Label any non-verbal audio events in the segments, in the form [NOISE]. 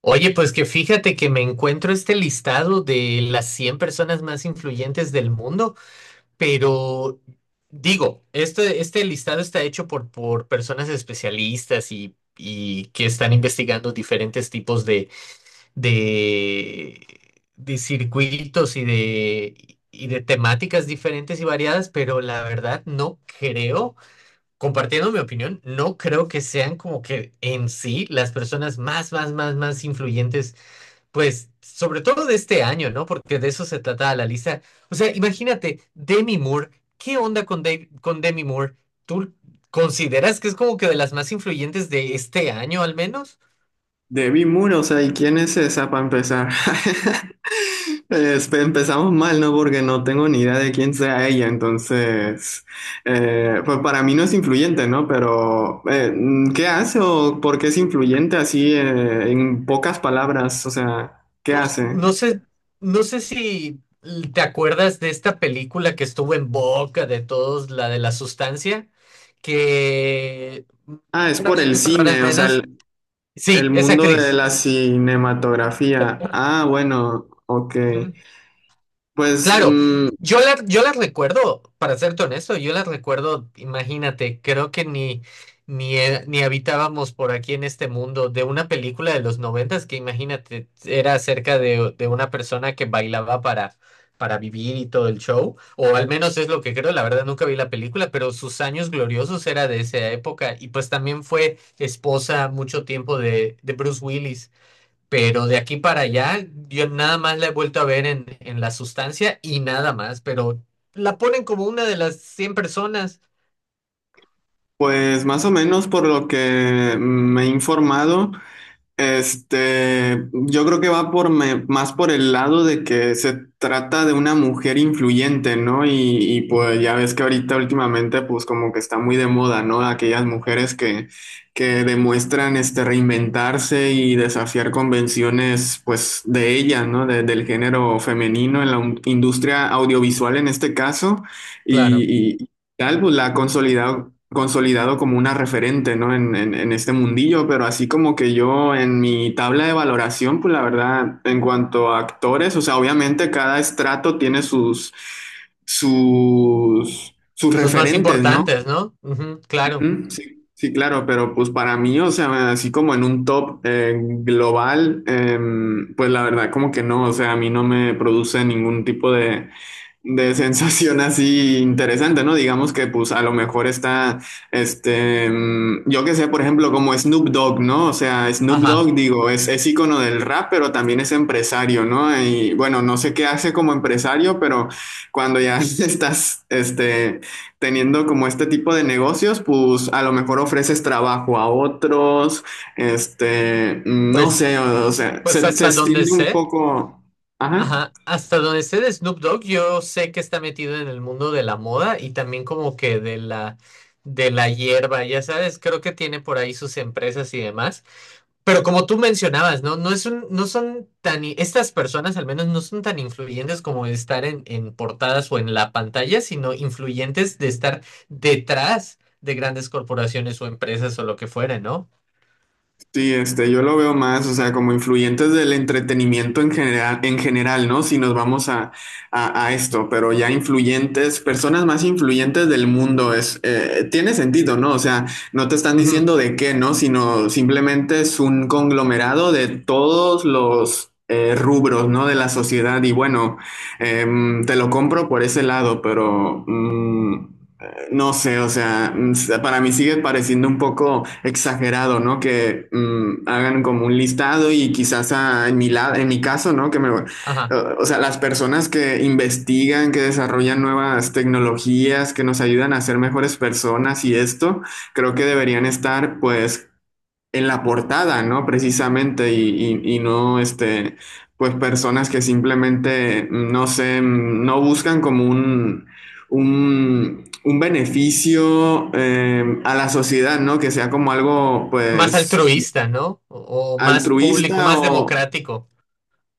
Oye, pues que fíjate que me encuentro este listado de las 100 personas más influyentes del mundo, pero digo, este listado está hecho por personas especialistas y que están investigando diferentes tipos de, de circuitos y de temáticas diferentes y variadas, pero la verdad no creo. Compartiendo mi opinión, no creo que sean como que en sí las personas más, más, más, más influyentes pues sobre todo de este año, ¿no? Porque de eso se trata la lista. O sea, imagínate, Demi Moore, ¿qué onda con Demi Moore? ¿Tú consideras que es como que de las más influyentes de este año al menos? De Moon, o sea, ¿y quién es esa para empezar? [LAUGHS] Empezamos mal, ¿no? Porque no tengo ni idea de quién sea ella, entonces, pues para mí no es influyente, ¿no? Pero, ¿qué hace o por qué es influyente así, en pocas palabras? O sea, ¿qué No, hace? no sé, no sé si te acuerdas de esta película que estuvo en boca de todos, la de la sustancia, que Ah, es bueno, por en el unas palabras cine, o sea, menos. el, Sí, el es mundo de actriz. la cinematografía. Ah, bueno, ok. Pues, Claro, mm, yo las recuerdo, para serte honesto, yo las recuerdo, imagínate, creo que ni habitábamos por aquí en este mundo de una película de los noventas que imagínate, era acerca de una persona que bailaba para vivir y todo el show, o al menos es lo que creo, la verdad nunca vi la película, pero sus años gloriosos era de esa época y pues también fue esposa mucho tiempo de Bruce Willis. Pero de aquí para allá, yo nada más la he vuelto a ver en La Sustancia y nada más, pero la ponen como una de las cien personas. pues más o menos por lo que me he informado. Yo creo que va por más por el lado de que se trata de una mujer influyente, ¿no? Y, pues Ujú, ya ves que ahorita últimamente pues como que está muy de moda, ¿no? Aquellas mujeres que, que demuestran reinventarse y desafiar convenciones pues de ellas, ¿no? Del género femenino en la industria audiovisual en este caso. claro. Y tal, pues la ha consolidado como una referente, ¿no? En este mundillo, pero así como que yo en mi tabla de valoración, pues la verdad, en cuanto a actores, o sea, obviamente cada estrato tiene sus Sus más referentes, ¿no? importantes, ¿no? Ujú, claro. Ujú, sí, sí, claro, pero pues para mí, o sea, así como en un top global, pues la verdad como que no, o sea, a mí no me produce ningún tipo de [LAUGHS] sensación así interesante, ¿no? Digamos que pues a lo mejor está, yo que sé, por ejemplo, como Snoop Dogg, ¿no? O sea, Snoop Ajá. Dogg, digo, es ícono del rap, pero también es empresario, ¿no? Y bueno, no sé qué hace como empresario, pero cuando ya [LAUGHS] estás, teniendo como este tipo de negocios, pues a lo mejor ofreces trabajo a otros, no Pues, sé, o sea, pues se hasta donde extiende un sé. poco. Ajá. Ajá, hasta donde sé de Snoop Dogg, yo sé que está metido en el mundo de la moda y también como que de la hierba, ya sabes, creo que tiene por ahí sus empresas y demás. Pero como tú mencionabas, ¿no? No es un, no son tan, i- Estas personas al menos no son tan influyentes como de estar en portadas o en la pantalla, sino influyentes de estar detrás de grandes corporaciones o empresas o lo que fuera, ¿no? Sí, yo lo veo más, o sea, como influyentes del entretenimiento en general, ¿no? Si nos vamos a esto, pero ya influyentes, personas más influyentes del mundo, tiene sentido, ¿no? O sea, no te están Ujú. diciendo de qué, ¿no? Sino simplemente es un conglomerado de todos los rubros, ¿no? De la sociedad y bueno, te lo compro por ese lado, pero... no sé, o sea, para mí sigue pareciendo un poco exagerado, ¿no? Que hagan como un listado y quizás en mi caso, ¿no? Que me, Ajá. o sea, las personas que investigan, que desarrollan nuevas tecnologías, que nos ayudan a ser mejores personas y esto, creo que deberían estar, pues, en la portada, ¿no? Precisamente, y no, pues personas que simplemente, no sé, no buscan como un beneficio a la sociedad, ¿no? Que sea como algo, Más pues, altruista, ¿no? O más público, altruista más o... democrático.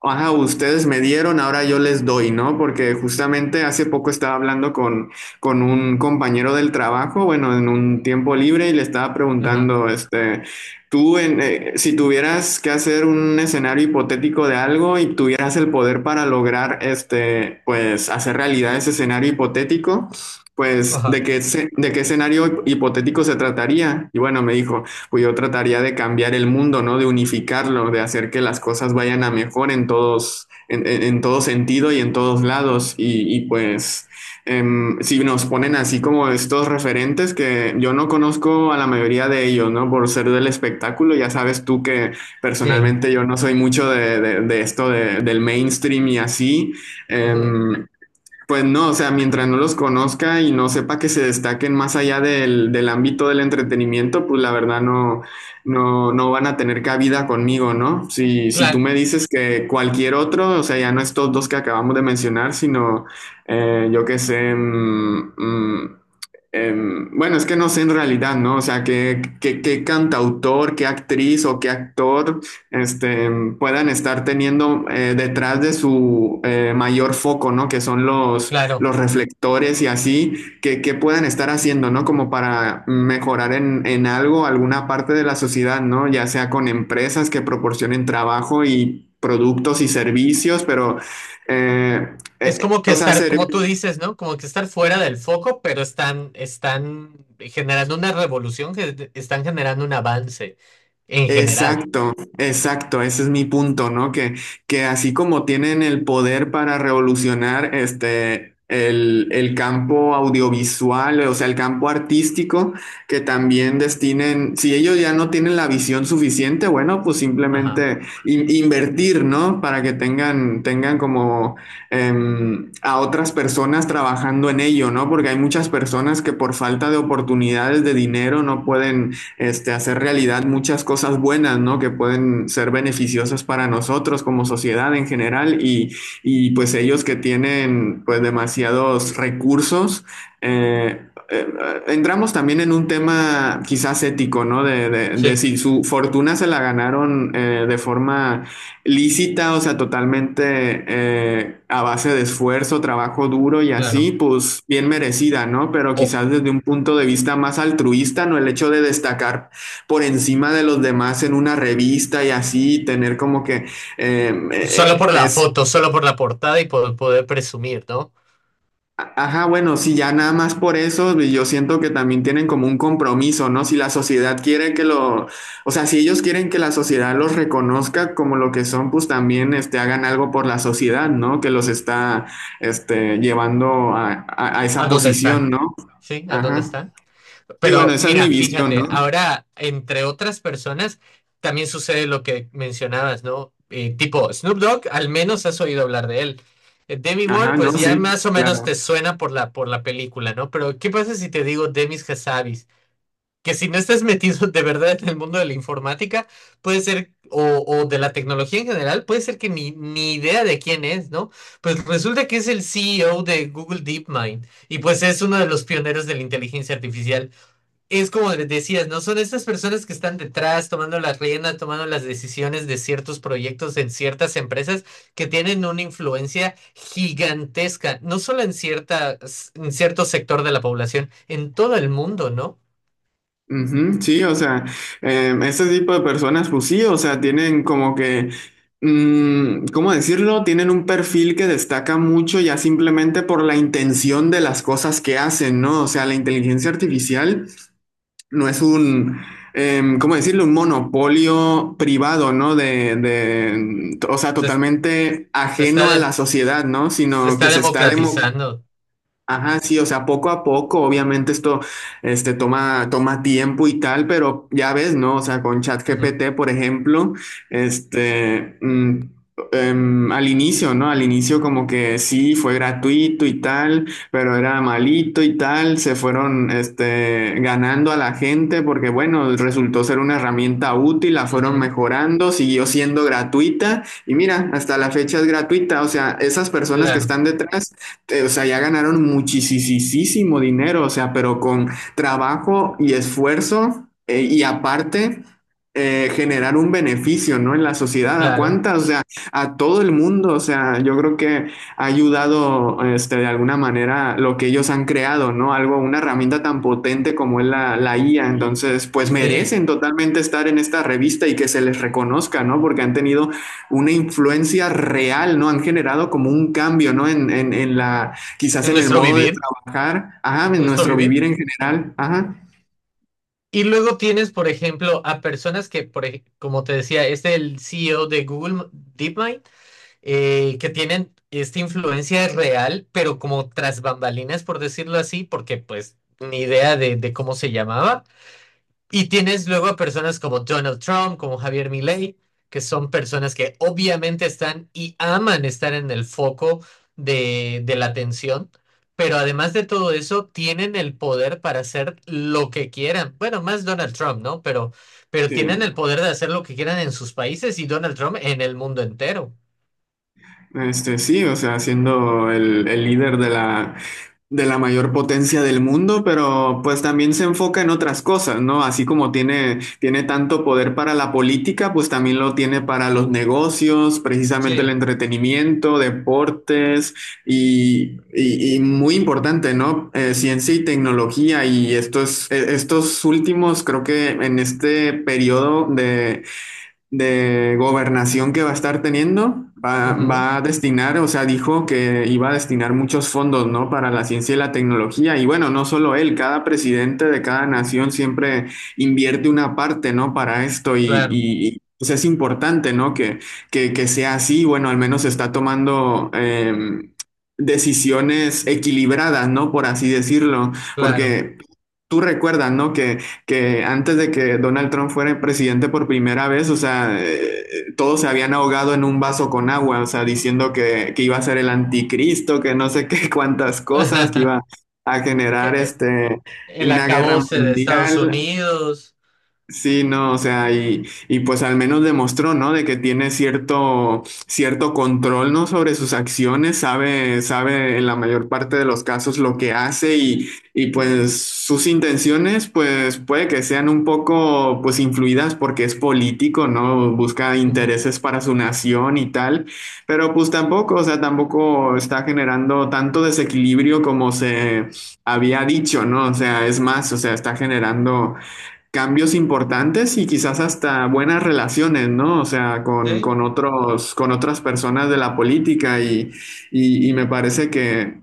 Ajá, ustedes me dieron, ahora yo les doy, ¿no? Porque justamente hace poco estaba hablando con un compañero del trabajo, bueno, en un tiempo libre y le estaba Ajá, preguntando, tú, si tuvieras que hacer un escenario hipotético de algo y tuvieras el poder para lograr, pues, hacer realidad ese escenario hipotético, pues, ajá, de qué escenario hipotético se trataría? Y bueno, me dijo pues yo trataría de cambiar el mundo, ¿no? De unificarlo, de hacer que las cosas vayan a mejor en todos, en todo sentido y en todos lados. Y, pues si nos ponen así como estos referentes que yo no conozco a la mayoría de ellos, ¿no? Por ser del espectáculo, ya sabes tú que sí, personalmente yo no soy mucho de esto del mainstream y así. ujú, Em, pues no, o sea, mientras no los conozca y no sepa que se destaquen más allá del ámbito del entretenimiento, pues la verdad no, no, no van a tener cabida conmigo, ¿no? Si, si tú claro, me dices que cualquier otro, o sea, ya no estos dos que acabamos de mencionar, sino yo qué sé, bueno, es que no sé en realidad, ¿no? O sea, qué cantautor, qué actriz o qué actor este, puedan estar teniendo detrás de su mayor foco, ¿no? Que son los, claro. los reflectores y así, que puedan estar haciendo, ¿no? Como para mejorar en algo, alguna parte de la sociedad, ¿no? Ya sea con empresas que proporcionen trabajo y productos y servicios, pero, eh, Es como que o sea, estar, ser, como tú dices, ¿no? Como que estar fuera del foco, pero están, están generando una revolución, están generando un avance en general. Exacto, exacto, ese es mi punto, ¿no? Que así como tienen el poder para revolucionar el campo audiovisual, o sea, el campo artístico, que también destinen, si ellos ya no tienen la visión suficiente, bueno, pues Ajá, simplemente invertir, ¿no? Para que tengan como a otras personas trabajando en ello, ¿no? Porque hay muchas personas que por falta de oportunidades de dinero no pueden hacer realidad muchas cosas buenas, ¿no? Que pueden ser beneficiosas para nosotros como sociedad en general y pues ellos que tienen pues demasiados recursos. Eh, eh, entramos también en un tema quizás ujú, ético, ¿no? De sí, si su fortuna se la ganaron de forma lícita, o sea, totalmente a base de esfuerzo, trabajo duro y claro. así, pues bien merecida, ¿no? Pero O quizás desde un punto de vista más altruista, ¿no? El hecho de destacar por encima de los demás en una revista y así, tener como que eh, eh, solo por la foto, solo por la portada y por poder presumir, ¿no? Ajá, bueno, sí, ya nada más por eso, y yo siento que también tienen como un compromiso, ¿no? Si la sociedad quiere o sea, si ellos quieren que la sociedad los reconozca como lo que son, pues también, hagan algo por la sociedad, ¿no? Que los está, llevando a esa ¿A dónde posición, están? ¿no? Sí, ¿a dónde Ajá. están? Sí, bueno, Pero esa es mi mira, visión, fíjate, ¿no? ahora entre otras personas también sucede lo que mencionabas, ¿no? Tipo, Snoop Dogg, al menos has oído hablar de él. Demi Moore, Ajá, no, pues ya sí, más o menos claro. te suena por la película, ¿no? Pero ¿qué pasa si te digo Demis Hassabis? Que si no estás [LAUGHS] metido de verdad en el mundo de la informática, puede ser, o de la tecnología en general, puede ser que ni, ni idea de quién es, ¿no? Pues resulta que es el CEO de Google DeepMind y pues es uno de los pioneros de la inteligencia artificial. Es como les decías, ¿no? Son estas personas que están detrás, tomando las riendas, tomando las decisiones de ciertos proyectos en ciertas empresas que tienen una influencia gigantesca, no solo en cierta, en cierto sector de la población, en todo el mundo, ¿no? Ujú, sí, o sea, ese tipo de personas, pues sí, o sea, tienen como que, ¿cómo decirlo? Tienen un perfil que destaca mucho ya simplemente por la intención de las cosas que hacen, ¿no? O sea, la inteligencia artificial no es ¿cómo decirlo? Un monopolio privado, ¿no? De o sea, Se, es- totalmente se está, ajeno a de- la se, sociedad, ¿no? se Sino que está se está demo- democratizando. Ajá, sí, o sea, poco a poco, obviamente esto toma tiempo y tal, pero ya ves, ¿no? O sea, con Ujú, ChatGPT, por ejemplo, este, mm, al inicio, ¿no? Al inicio como que sí, fue gratuito y tal, pero era malito y tal, se fueron, ganando a la gente porque, bueno, resultó ser una herramienta útil, la fueron ujú, mejorando, siguió siendo gratuita y mira, hasta la fecha es gratuita, o sea, esas personas que claro, están detrás o sea, ya ganaron muchísimo dinero, o sea, pero con trabajo y esfuerzo y aparte generar un beneficio, ¿no? En la sociedad, ¿a claro, cuántas? O sea, a todo el mundo, o sea, yo creo que ha ayudado, de alguna manera lo que ellos han creado, ¿no? Algo, una herramienta tan potente como es la IA, entonces, pues sí. merecen totalmente estar en esta revista y que se les reconozca, ¿no? Porque han tenido una influencia real, ¿no? Han generado como un cambio, ¿no? Quizás En en el nuestro modo de vivir, trabajar, ajá, en en nuestro nuestro vivir. vivir en general, ajá. Y luego tienes, por ejemplo, a personas que, como te decía, es el CEO de Google DeepMind, que tienen esta influencia real, pero como tras bambalinas, por decirlo así, porque pues ni idea de cómo se llamaba. Y tienes luego a personas como Donald Trump, como Javier Milei, que son personas que obviamente están y aman estar en el foco de la atención, pero además de todo eso, tienen el poder para hacer lo que quieran. Bueno, más Donald Trump, ¿no? Pero Sí. tienen el poder de hacer lo que quieran en sus países y Donald Trump en el mundo entero. Sí, o sea, siendo el líder de la mayor potencia del mundo, pero pues también se enfoca en otras cosas, ¿no? Así como tiene tanto poder para la política, pues también lo tiene para los negocios, precisamente el Sí, entretenimiento, deportes y muy importante, ¿no? Ciencia y tecnología y estos últimos, creo que en este periodo de gobernación que va a estar teniendo, va, ujú, va a destinar, o sea, dijo que iba a destinar muchos fondos, ¿no? Para la ciencia y la tecnología. Y bueno, no solo él, cada presidente de cada nación siempre invierte una parte, ¿no? Para esto y, claro, y- y, pues es importante, ¿no? Que sea así. Bueno, al menos está tomando... decisiones equilibradas, ¿no? Por así decirlo, claro. porque tú recuerdas, ¿no? Que antes de que Donald Trump fuera presidente por primera vez, o sea, todos se habían ahogado en un vaso con agua, o sea, diciendo que iba a ser el anticristo, que no sé [LAUGHS] qué cuántas cosas, que iba [LAUGHS] a Que, generar el una guerra acabose de Estados mundial. Unidos. Sí, no, o sea, y pues al menos demostró, ¿no? De que tiene cierto control, ¿no? Sobre sus acciones, sabe en la mayor parte de los casos lo que hace y pues sus intenciones, pues puede que sean un poco, pues influidas porque es político, ¿no? Busca Ujú, intereses para su nación y tal, pero pues tampoco, o sea, tampoco está generando tanto desequilibrio como se había dicho, ¿no? O sea, es más, o sea, está generando cambios importantes y quizás hasta buenas relaciones, ¿no? O sea, con, sí, con otros, con otras personas de la política y me parece que,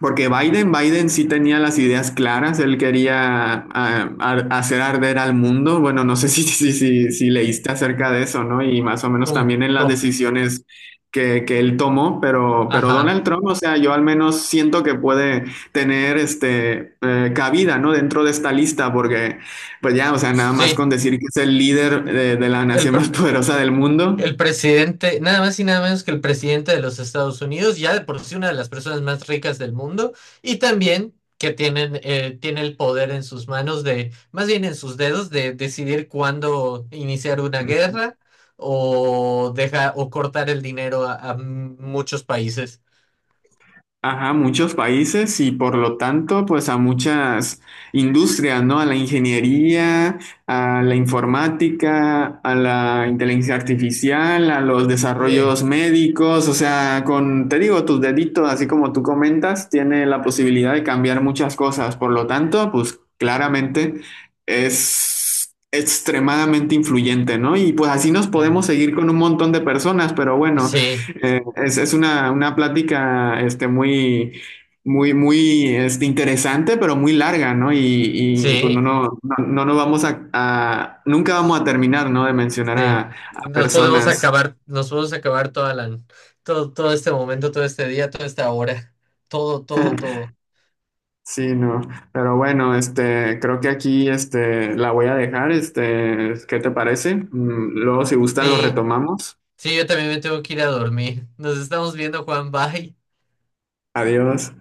porque Biden sí tenía las ideas claras, él quería hacer arder al mundo. Bueno, no sé [LAUGHS] si, si, si, si leíste acerca de eso, ¿no? Y más o menos ¿cómo? también en las ¿Cómo? decisiones que él tomó, pero, Ajá, Donald Trump, o sea, yo al menos siento que puede tener cabida, ¿no? Dentro de esta lista, porque pues ya, o sea, nada más con sí. decir que es el líder de la El, nación [LAUGHS] más pre- poderosa del mundo. el presidente, nada más y nada menos que el presidente de los Estados Unidos, ya de por sí una de las personas más ricas del mundo, y también que tienen, tiene el poder en sus manos de, más bien en sus dedos, de decidir cuándo iniciar una guerra o deja, o cortar el dinero a muchos países. Ajá, muchos países y por lo tanto, pues a muchas industrias, ¿no? A la ingeniería, a la informática, a la inteligencia artificial, a los Sí, desarrollos médicos, o sea, te digo, tus deditos, así como tú comentas, tiene la posibilidad de cambiar muchas cosas. Por lo tanto, pues claramente es extremadamente influyente, ¿no? Y pues así nos sí, podemos seguir con un montón de personas, pero bueno. sí. Es una plática muy, muy, muy interesante, pero muy larga, ¿no? Y, pues no, Sí. no, no, no nos vamos nunca vamos a terminar, ¿no? De mencionar a, Sí, a personas. Nos podemos acabar toda la, todo, todo este momento, todo este día, toda esta hora, todo, todo, [LAUGHS] todo. Sí, no. Pero bueno, creo que aquí la voy a dejar. ¿Qué te parece? Luego, si gustan, lo Sí, retomamos. sí, yo también me tengo que ir a dormir. Nos estamos viendo, Juan, bye. Adiós.